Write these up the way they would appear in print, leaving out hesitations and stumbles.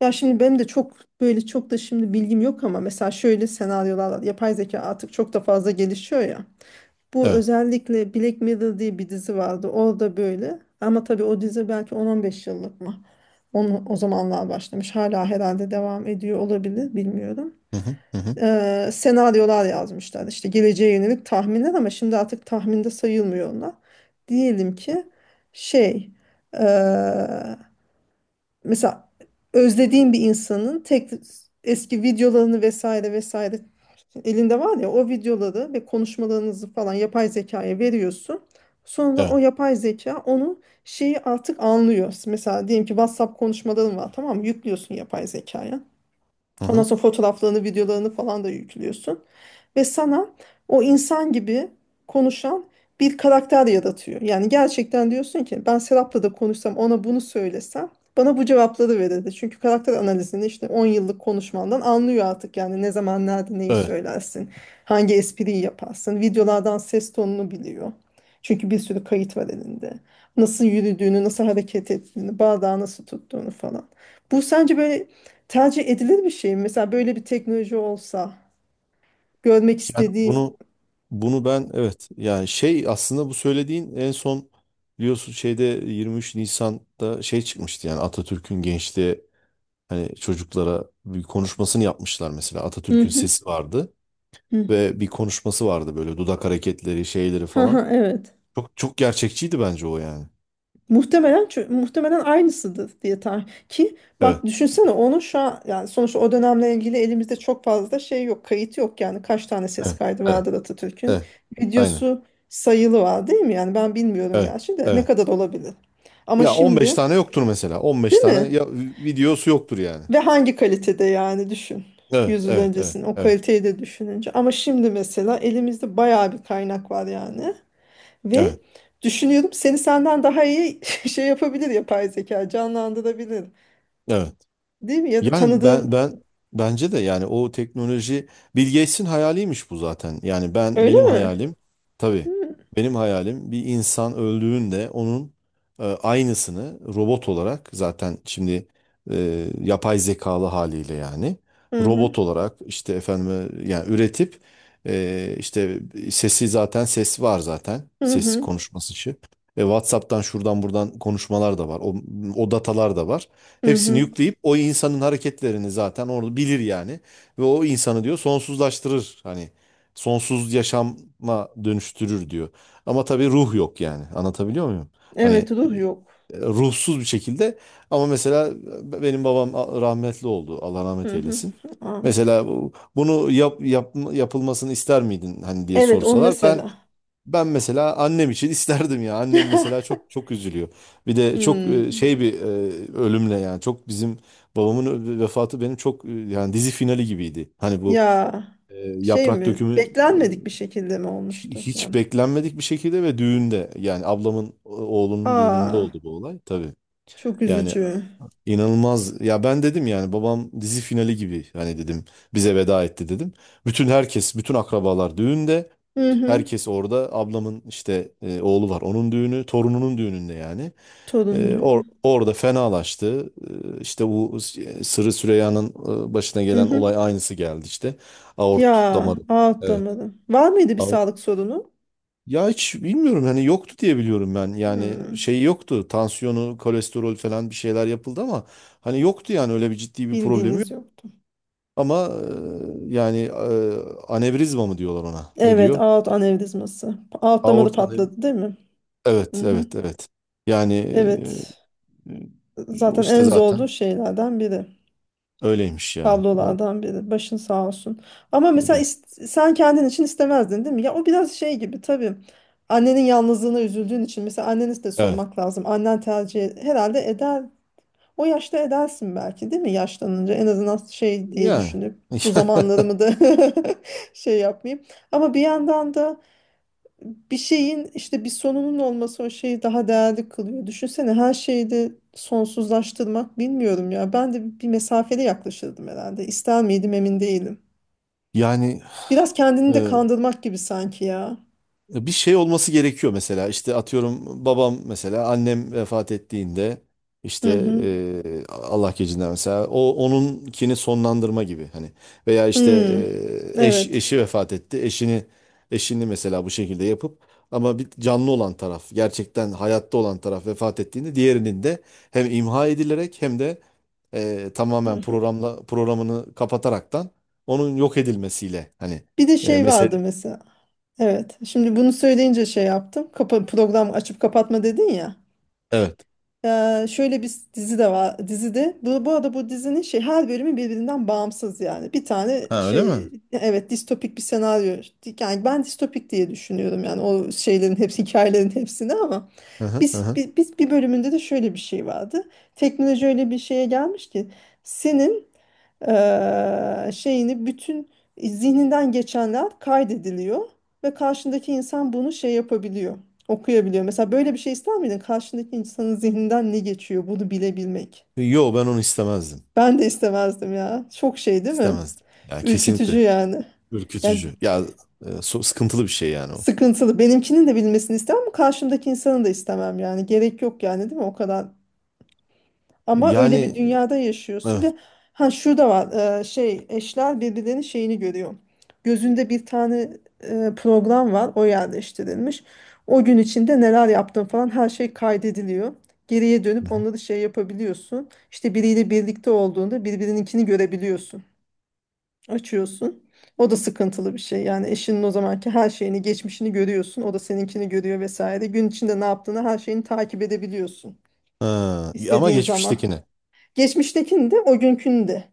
Ya şimdi benim de çok böyle çok da şimdi bilgim yok ama mesela şöyle senaryolar var. Yapay zeka artık çok da fazla gelişiyor ya. Bu Evet. özellikle Black Mirror diye bir dizi vardı. Orada böyle ama tabii o dizi belki 10-15 yıllık mı? Onu, o zamanlar başlamış. Hala herhalde devam ediyor olabilir bilmiyorum. Hı hı, hı hı, Senaryolar yazmışlar işte geleceğe yönelik tahminler ama şimdi artık tahminde sayılmıyor onlar. Diyelim ki şey ee, mesela özlediğin bir insanın tek eski videolarını vesaire vesaire elinde var ya o videoları ve konuşmalarınızı falan yapay zekaya veriyorsun. Sonra evet. o yapay zeka onu şeyi artık anlıyor. Mesela diyelim ki WhatsApp konuşmaların var tamam mı? Yüklüyorsun yapay zekaya. Hı Ondan hı, sonra fotoğraflarını, videolarını falan da yüklüyorsun ve sana o insan gibi konuşan bir karakter yaratıyor. Yani gerçekten diyorsun ki ben Serap'la da konuşsam ona bunu söylesem bana bu cevapları verirdi. Çünkü karakter analizini işte 10 yıllık konuşmandan anlıyor artık yani ne zaman nerede neyi evet. söylersin, hangi espriyi yaparsın, videolardan ses tonunu biliyor. Çünkü bir sürü kayıt var elinde. Nasıl yürüdüğünü, nasıl hareket ettiğini, bardağı nasıl tuttuğunu falan. Bu sence böyle tercih edilir bir şey mi? Mesela böyle bir teknoloji olsa görmek Yani istediğim. bunu ben evet yani şey aslında bu söylediğin en son biliyorsun şeyde 23 Nisan'da şey çıkmıştı yani Atatürk'ün gençliğe hani çocuklara bir konuşmasını yapmışlar mesela Hı Atatürk'ün hı, sesi vardı hı. ve bir konuşması vardı böyle dudak hareketleri şeyleri Ha ha, falan. evet. Çok çok gerçekçiydi bence o yani. Muhtemelen aynısıdır diye tarih. Ki Evet. bak düşünsene onu şu an yani sonuçta o dönemle ilgili elimizde çok fazla şey yok, kayıt yok yani kaç tane ses Evet. kaydı Evet. vardır Atatürk'ün. Evet. Aynen. Videosu sayılı var değil mi? Yani ben bilmiyorum Evet. gerçi de ne Evet. kadar olabilir. Ama Ya 15 şimdi tane yoktur mesela. 15 değil tane mi? ya videosu yoktur yani. Ve hangi kalitede yani düşün. Evet, 100 yıl evet, evet, öncesinin o evet, kaliteyi de düşününce. Ama şimdi mesela elimizde bayağı bir kaynak var yani. Ve evet, düşünüyorum seni senden daha iyi şey yapabilir yapay zeka, canlandırabilir. evet. Değil mi? Ya da Yani ben tanıdığın. ben bence de yani o teknoloji Bill Gates'in hayaliymiş bu zaten. Yani Öyle mi? Hı tabii hı. benim hayalim bir insan öldüğünde onun aynısını robot olarak zaten şimdi yapay zekalı haliyle yani robot olarak işte efendim yani üretip işte sesi zaten ses var zaten Hı ses hı. konuşması için. WhatsApp'tan şuradan buradan konuşmalar da var. O datalar da var. Hı Hepsini hı. yükleyip o insanın hareketlerini zaten onu bilir yani. Ve o insanı diyor sonsuzlaştırır. Hani sonsuz yaşama dönüştürür diyor. Ama tabii ruh yok yani. Anlatabiliyor muyum? Hani Evet, ruh yok. Ruhsuz bir şekilde. Ama mesela benim babam rahmetli oldu. Allah rahmet Hı hı. eylesin. Aa, Mesela bunu yapılmasını ister miydin hani diye evet, on sorsalar ben mesela. ben mesela annem için isterdim ya. Annem mesela çok çok üzülüyor. Bir de çok Hmm. şey bir ölümle yani çok bizim babamın vefatı benim çok yani dizi finali gibiydi. Hani bu Ya e, şey yaprak mi? dökümü Beklenmedik bir şekilde mi olmuştu? hiç Yani. beklenmedik bir şekilde ve düğünde yani ablamın oğlunun Aa, düğününde oldu bu olay tabii. çok Yani, üzücü. İnanılmaz. Ya ben dedim yani babam dizi finali gibi hani dedim bize veda etti dedim. Bütün herkes, bütün akrabalar düğünde. Hı hı. Herkes orada. Ablamın işte oğlu var. Onun düğünü, torununun düğününde yani. E, Torun or- düğünü. orada fenalaştı. E, işte bu Sırrı Süreyya'nın başına Hı gelen hı. olay aynısı geldi işte. Aort Ya, damarı. ağıt Evet. damarı. Var mıydı bir sağlık sorunu? Ya hiç bilmiyorum hani yoktu diye biliyorum ben. Yani Hı. şey yoktu. Tansiyonu, kolesterol falan bir şeyler yapıldı ama hani yoktu yani öyle bir ciddi bir problemi yok. Bildiğiniz yoktu. Ama yani anevrizma mı diyorlar ona? Ne Evet, diyor? aort anevrizması. Aort damarı Aort ane- patladı değil mi? Hı Evet, hı. evet, evet. Yani Evet. e, o Zaten işte en zaten zorlu şeylerden biri. öyleymiş ya. O Tablolardan biri. Başın sağ olsun. Ama mesela sen kendin için istemezdin değil mi? Ya o biraz şey gibi tabii. Annenin yalnızlığına üzüldüğün için mesela anneniz de evet. sormak lazım. Annen tercih herhalde eder. O yaşta edersin belki değil mi? Yaşlanınca en azından şey diye Yani düşünüp bu zamanlarımı da şey yapmayayım. Ama bir yandan da bir şeyin işte bir sonunun olması o şeyi daha değerli kılıyor. Düşünsene her şeyi de sonsuzlaştırmak bilmiyorum ya. Ben de bir mesafeli yaklaşırdım herhalde. İster miydim emin değilim. yani Biraz kendini de e, kandırmak gibi sanki ya. bir şey olması gerekiyor mesela. İşte atıyorum babam mesela annem vefat ettiğinde Hı işte hı. Allah gecinden mesela o onunkini sonlandırma gibi hani veya işte Hmm. Evet. eşi vefat etti. Eşini mesela bu şekilde yapıp ama bir canlı olan taraf gerçekten hayatta olan taraf vefat ettiğinde diğerinin de hem imha edilerek hem de Hı tamamen hı. programla programını kapataraktan onun yok edilmesiyle hani Bir de şey mesela vardı mesela. Evet. Şimdi bunu söyleyince şey yaptım. Kapa program açıp kapatma dedin ya. evet Şöyle bir dizi de var dizide. Bu, bu arada bu dizinin şey her bölümü birbirinden bağımsız yani. Bir tane ha öyle şey mi? evet distopik bir senaryo. Yani ben distopik diye düşünüyorum yani o şeylerin hepsi hikayelerin hepsini ama Hı hı, hı biz, hı. bi- biz bir bölümünde de şöyle bir şey vardı. Teknoloji öyle bir şeye gelmiş ki senin şeyini bütün zihninden geçenler kaydediliyor ve karşındaki insan bunu şey yapabiliyor, okuyabiliyor. Mesela böyle bir şey ister miydin? Karşındaki insanın zihninden ne geçiyor bunu bilebilmek. Yo, ben onu istemezdim. Ben de istemezdim ya. Çok şey değil mi? İstemezdim. Yani Ürkütücü kesinlikle yani. Yani ürkütücü. Ya sıkıntılı bir şey yani o. sıkıntılı. Benimkinin de bilmesini istemem ama karşımdaki insanın da istemem yani. Gerek yok yani değil mi? O kadar. Ama öyle bir Yani, dünyada yaşıyorsun evet. ve ha şurada var eşler birbirlerinin şeyini görüyor. Gözünde bir tane program var o yerleştirilmiş. O gün içinde neler yaptın falan her şey kaydediliyor. Geriye Hı dönüp hı. onları şey yapabiliyorsun. İşte biriyle birlikte olduğunda birbirininkini görebiliyorsun. Açıyorsun. O da sıkıntılı bir şey. Yani eşinin o zamanki her şeyini, geçmişini görüyorsun. O da seninkini görüyor vesaire. Gün içinde ne yaptığını her şeyini takip edebiliyorsun. Ha, ama İstediğin zaman. geçmiştekine. Geçmiştekini de o günkünü de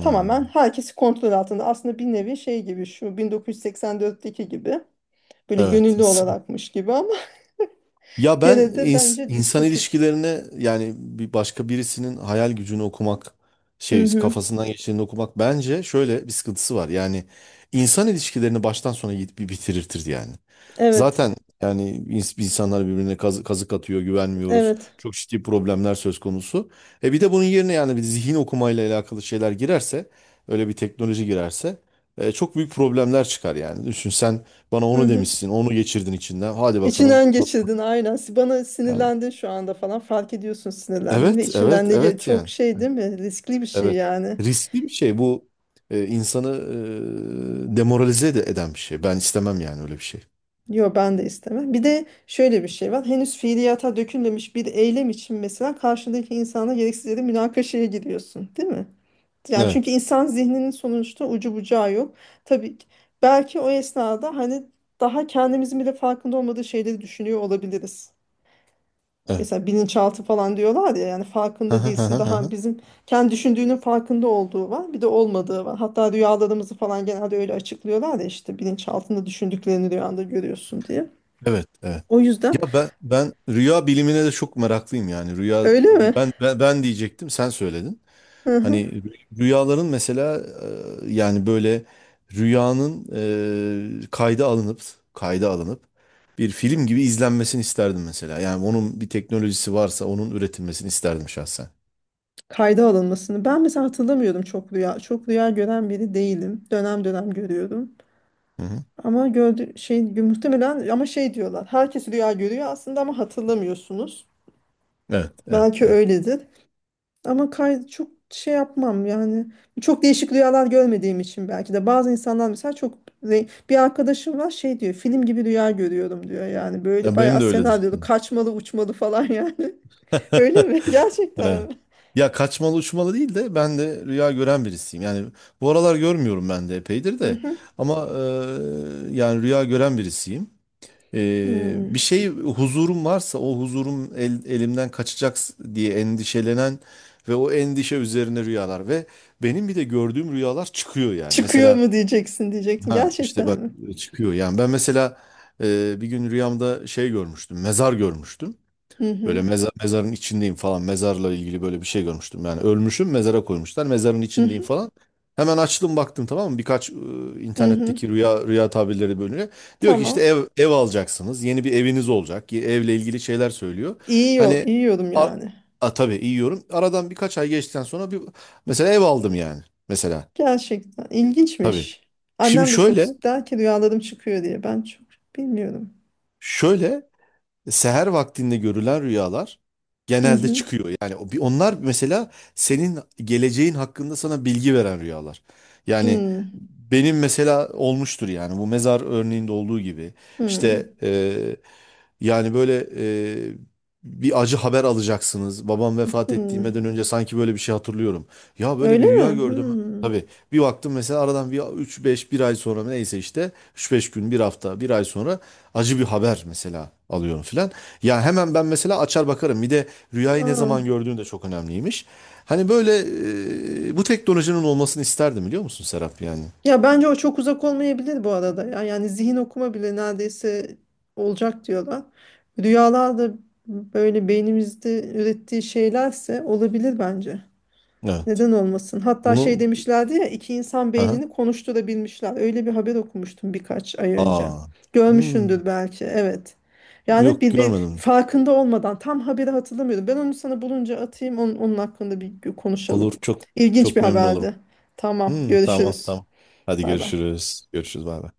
tamamen herkesi kontrol altında. Aslında bir nevi şey gibi şu 1984'teki gibi böyle evet. gönüllü olarakmış gibi ama Ya ben gene de bence insan distopik. ilişkilerine yani bir başka birisinin hayal gücünü okumak Hı şey hı. kafasından geçtiğini okumak bence şöyle bir sıkıntısı var. Yani insan ilişkilerini baştan sona git bir bitirirtir yani. Evet, Zaten yani insanlar birbirine kazık atıyor, güvenmiyoruz. evet. Çok ciddi problemler söz konusu. E bir de bunun yerine yani bir zihin okumayla alakalı şeyler girerse, öyle bir teknoloji girerse çok büyük problemler çıkar yani. Düşün sen, bana Hı onu hı. demişsin, onu geçirdin içinden. Hadi bakalım. İçinden geçirdin aynen. Bana Yani, sinirlendin şu anda falan fark ediyorsun, sinirlendin ve evet, içinden evet, evet çok yani. şey değil mi? Riskli bir şey Evet. yani. Riskli bir şey bu. E, insanı demoralize de eden bir şey. Ben istemem yani öyle bir şey. Yo, ben de istemem. Bir de şöyle bir şey var. Henüz fiiliyata dökülmemiş bir eylem için mesela karşındaki insana gereksiz yere münakaşaya giriyorsun, değil mi? Yani çünkü Evet, insan zihninin sonuçta ucu bucağı yok. Tabii ki- belki o esnada hani daha kendimizin bile farkında olmadığı şeyleri düşünüyor olabiliriz. evet. Mesela bilinçaltı falan diyorlar ya yani farkında değilsin daha bizim kendi düşündüğünün farkında olduğu var bir de olmadığı var. Hatta rüyalarımızı falan genelde öyle açıklıyorlar ya işte bilinçaltında düşündüklerini rüyanda görüyorsun diye. Evet, evet. O yüzden Ya ben rüya bilimine de çok meraklıyım yani. Rüya öyle di- mi? ben ben, ben diyecektim, sen söyledin. Hı Hani hı. Rüyaların mesela yani böyle rüyanın e, kayda alınıp kayda alınıp bir film gibi izlenmesini isterdim mesela. Yani onun bir teknolojisi varsa onun üretilmesini isterdim şahsen. Kayda alınmasını. Ben mesela hatırlamıyorum çok rüya. Çok rüya gören biri değilim. Dönem dönem görüyorum. Hı hı. Ama gördü şey muhtemelen ama şey diyorlar. Herkes rüya görüyor aslında ama hatırlamıyorsunuz. Evet, evet, Belki evet. öyledir. Ama kay çok şey yapmam yani. Çok değişik rüyalar görmediğim için belki de bazı insanlar mesela çok bir arkadaşım var şey diyor. Film gibi rüya görüyorum diyor. Yani böyle Ya benim bayağı de öyledir. senaryolu kaçmalı uçmalı falan yani. Öyle mi? Gerçekten Evet. mi? Ya kaçmalı uçmalı değil de ben de rüya gören birisiyim. Yani bu aralar görmüyorum ben de epeydir Hı de hı. ama yani rüya gören birisiyim. E, Hmm. bir şey huzurum varsa o huzurum elimden kaçacak diye endişelenen ve o endişe üzerine rüyalar ve benim bir de gördüğüm rüyalar çıkıyor yani. Çıkıyor Mesela mu diyeceksin, diyecektin. ha işte Gerçekten bak mi? çıkıyor yani ben mesela bir gün rüyamda şey görmüştüm, mezar görmüştüm. Hı hı. Böyle mezar, mezarın içindeyim falan. Mezarla ilgili böyle bir şey görmüştüm. Yani ölmüşüm, mezara koymuşlar. Mezarın Hı içindeyim hı. falan. Hemen açtım, baktım, tamam mı? Birkaç Hı hı. internetteki rüya tabirleri bölümüne. Diyor ki işte Tamam. ev alacaksınız. Yeni bir eviniz olacak. Evle ilgili şeyler söylüyor. İyi, yo- Hani iyi yorum a, yani. Tabii iyi yorum. Aradan birkaç ay geçtikten sonra bir mesela ev aldım yani. Mesela Gerçekten tabii. ilginçmiş. Şimdi Annem de çok şöyle, sık der ki rüyalarım çıkıyor diye. Ben çok bilmiyorum. şöyle seher vaktinde görülen rüyalar Hı genelde hı. çıkıyor. Yani onlar mesela senin geleceğin hakkında sana bilgi veren rüyalar. Yani Hı. benim mesela olmuştur yani bu mezar örneğinde olduğu gibi. Hı. İşte yani böyle e, bir acı haber alacaksınız. Babam vefat Hı. ettiğimden önce sanki böyle bir şey hatırlıyorum. Ya böyle Öyle bir mi? rüya Hı. gördüm. Tabii bir baktım, mesela aradan bir 3-5 bir ay sonra neyse işte 3 5 gün bir hafta bir ay sonra acı bir haber mesela alıyorum filan. Ya hemen ben mesela açar bakarım. Bir de rüyayı ne Aa. zaman gördüğün de çok önemliymiş. Hani böyle bu teknolojinin olmasını isterdim biliyor musun Serap yani? Ya bence o çok uzak olmayabilir bu arada. Ya, yani zihin okuma bile neredeyse olacak diyorlar. Rüyalar da böyle beynimizde ürettiği şeylerse olabilir bence. Evet. Neden olmasın? Hatta şey Bunu, demişlerdi ya iki insan aha. beynini konuşturabilmişler. Öyle bir haber okumuştum birkaç ay önce. Aa. Hmm, Görmüşsündür belki. Evet. Yani yok bir, bir görmedim. farkında olmadan tam haberi hatırlamıyorum. Ben onu sana bulunca atayım onun, onun hakkında bir konuşalım. Olur, çok İlginç bir çok memnun olurum. haberdi. Tamam, Hmm, tamam görüşürüz. tamam. Hadi Bay bay. görüşürüz. Görüşürüz, bay bay.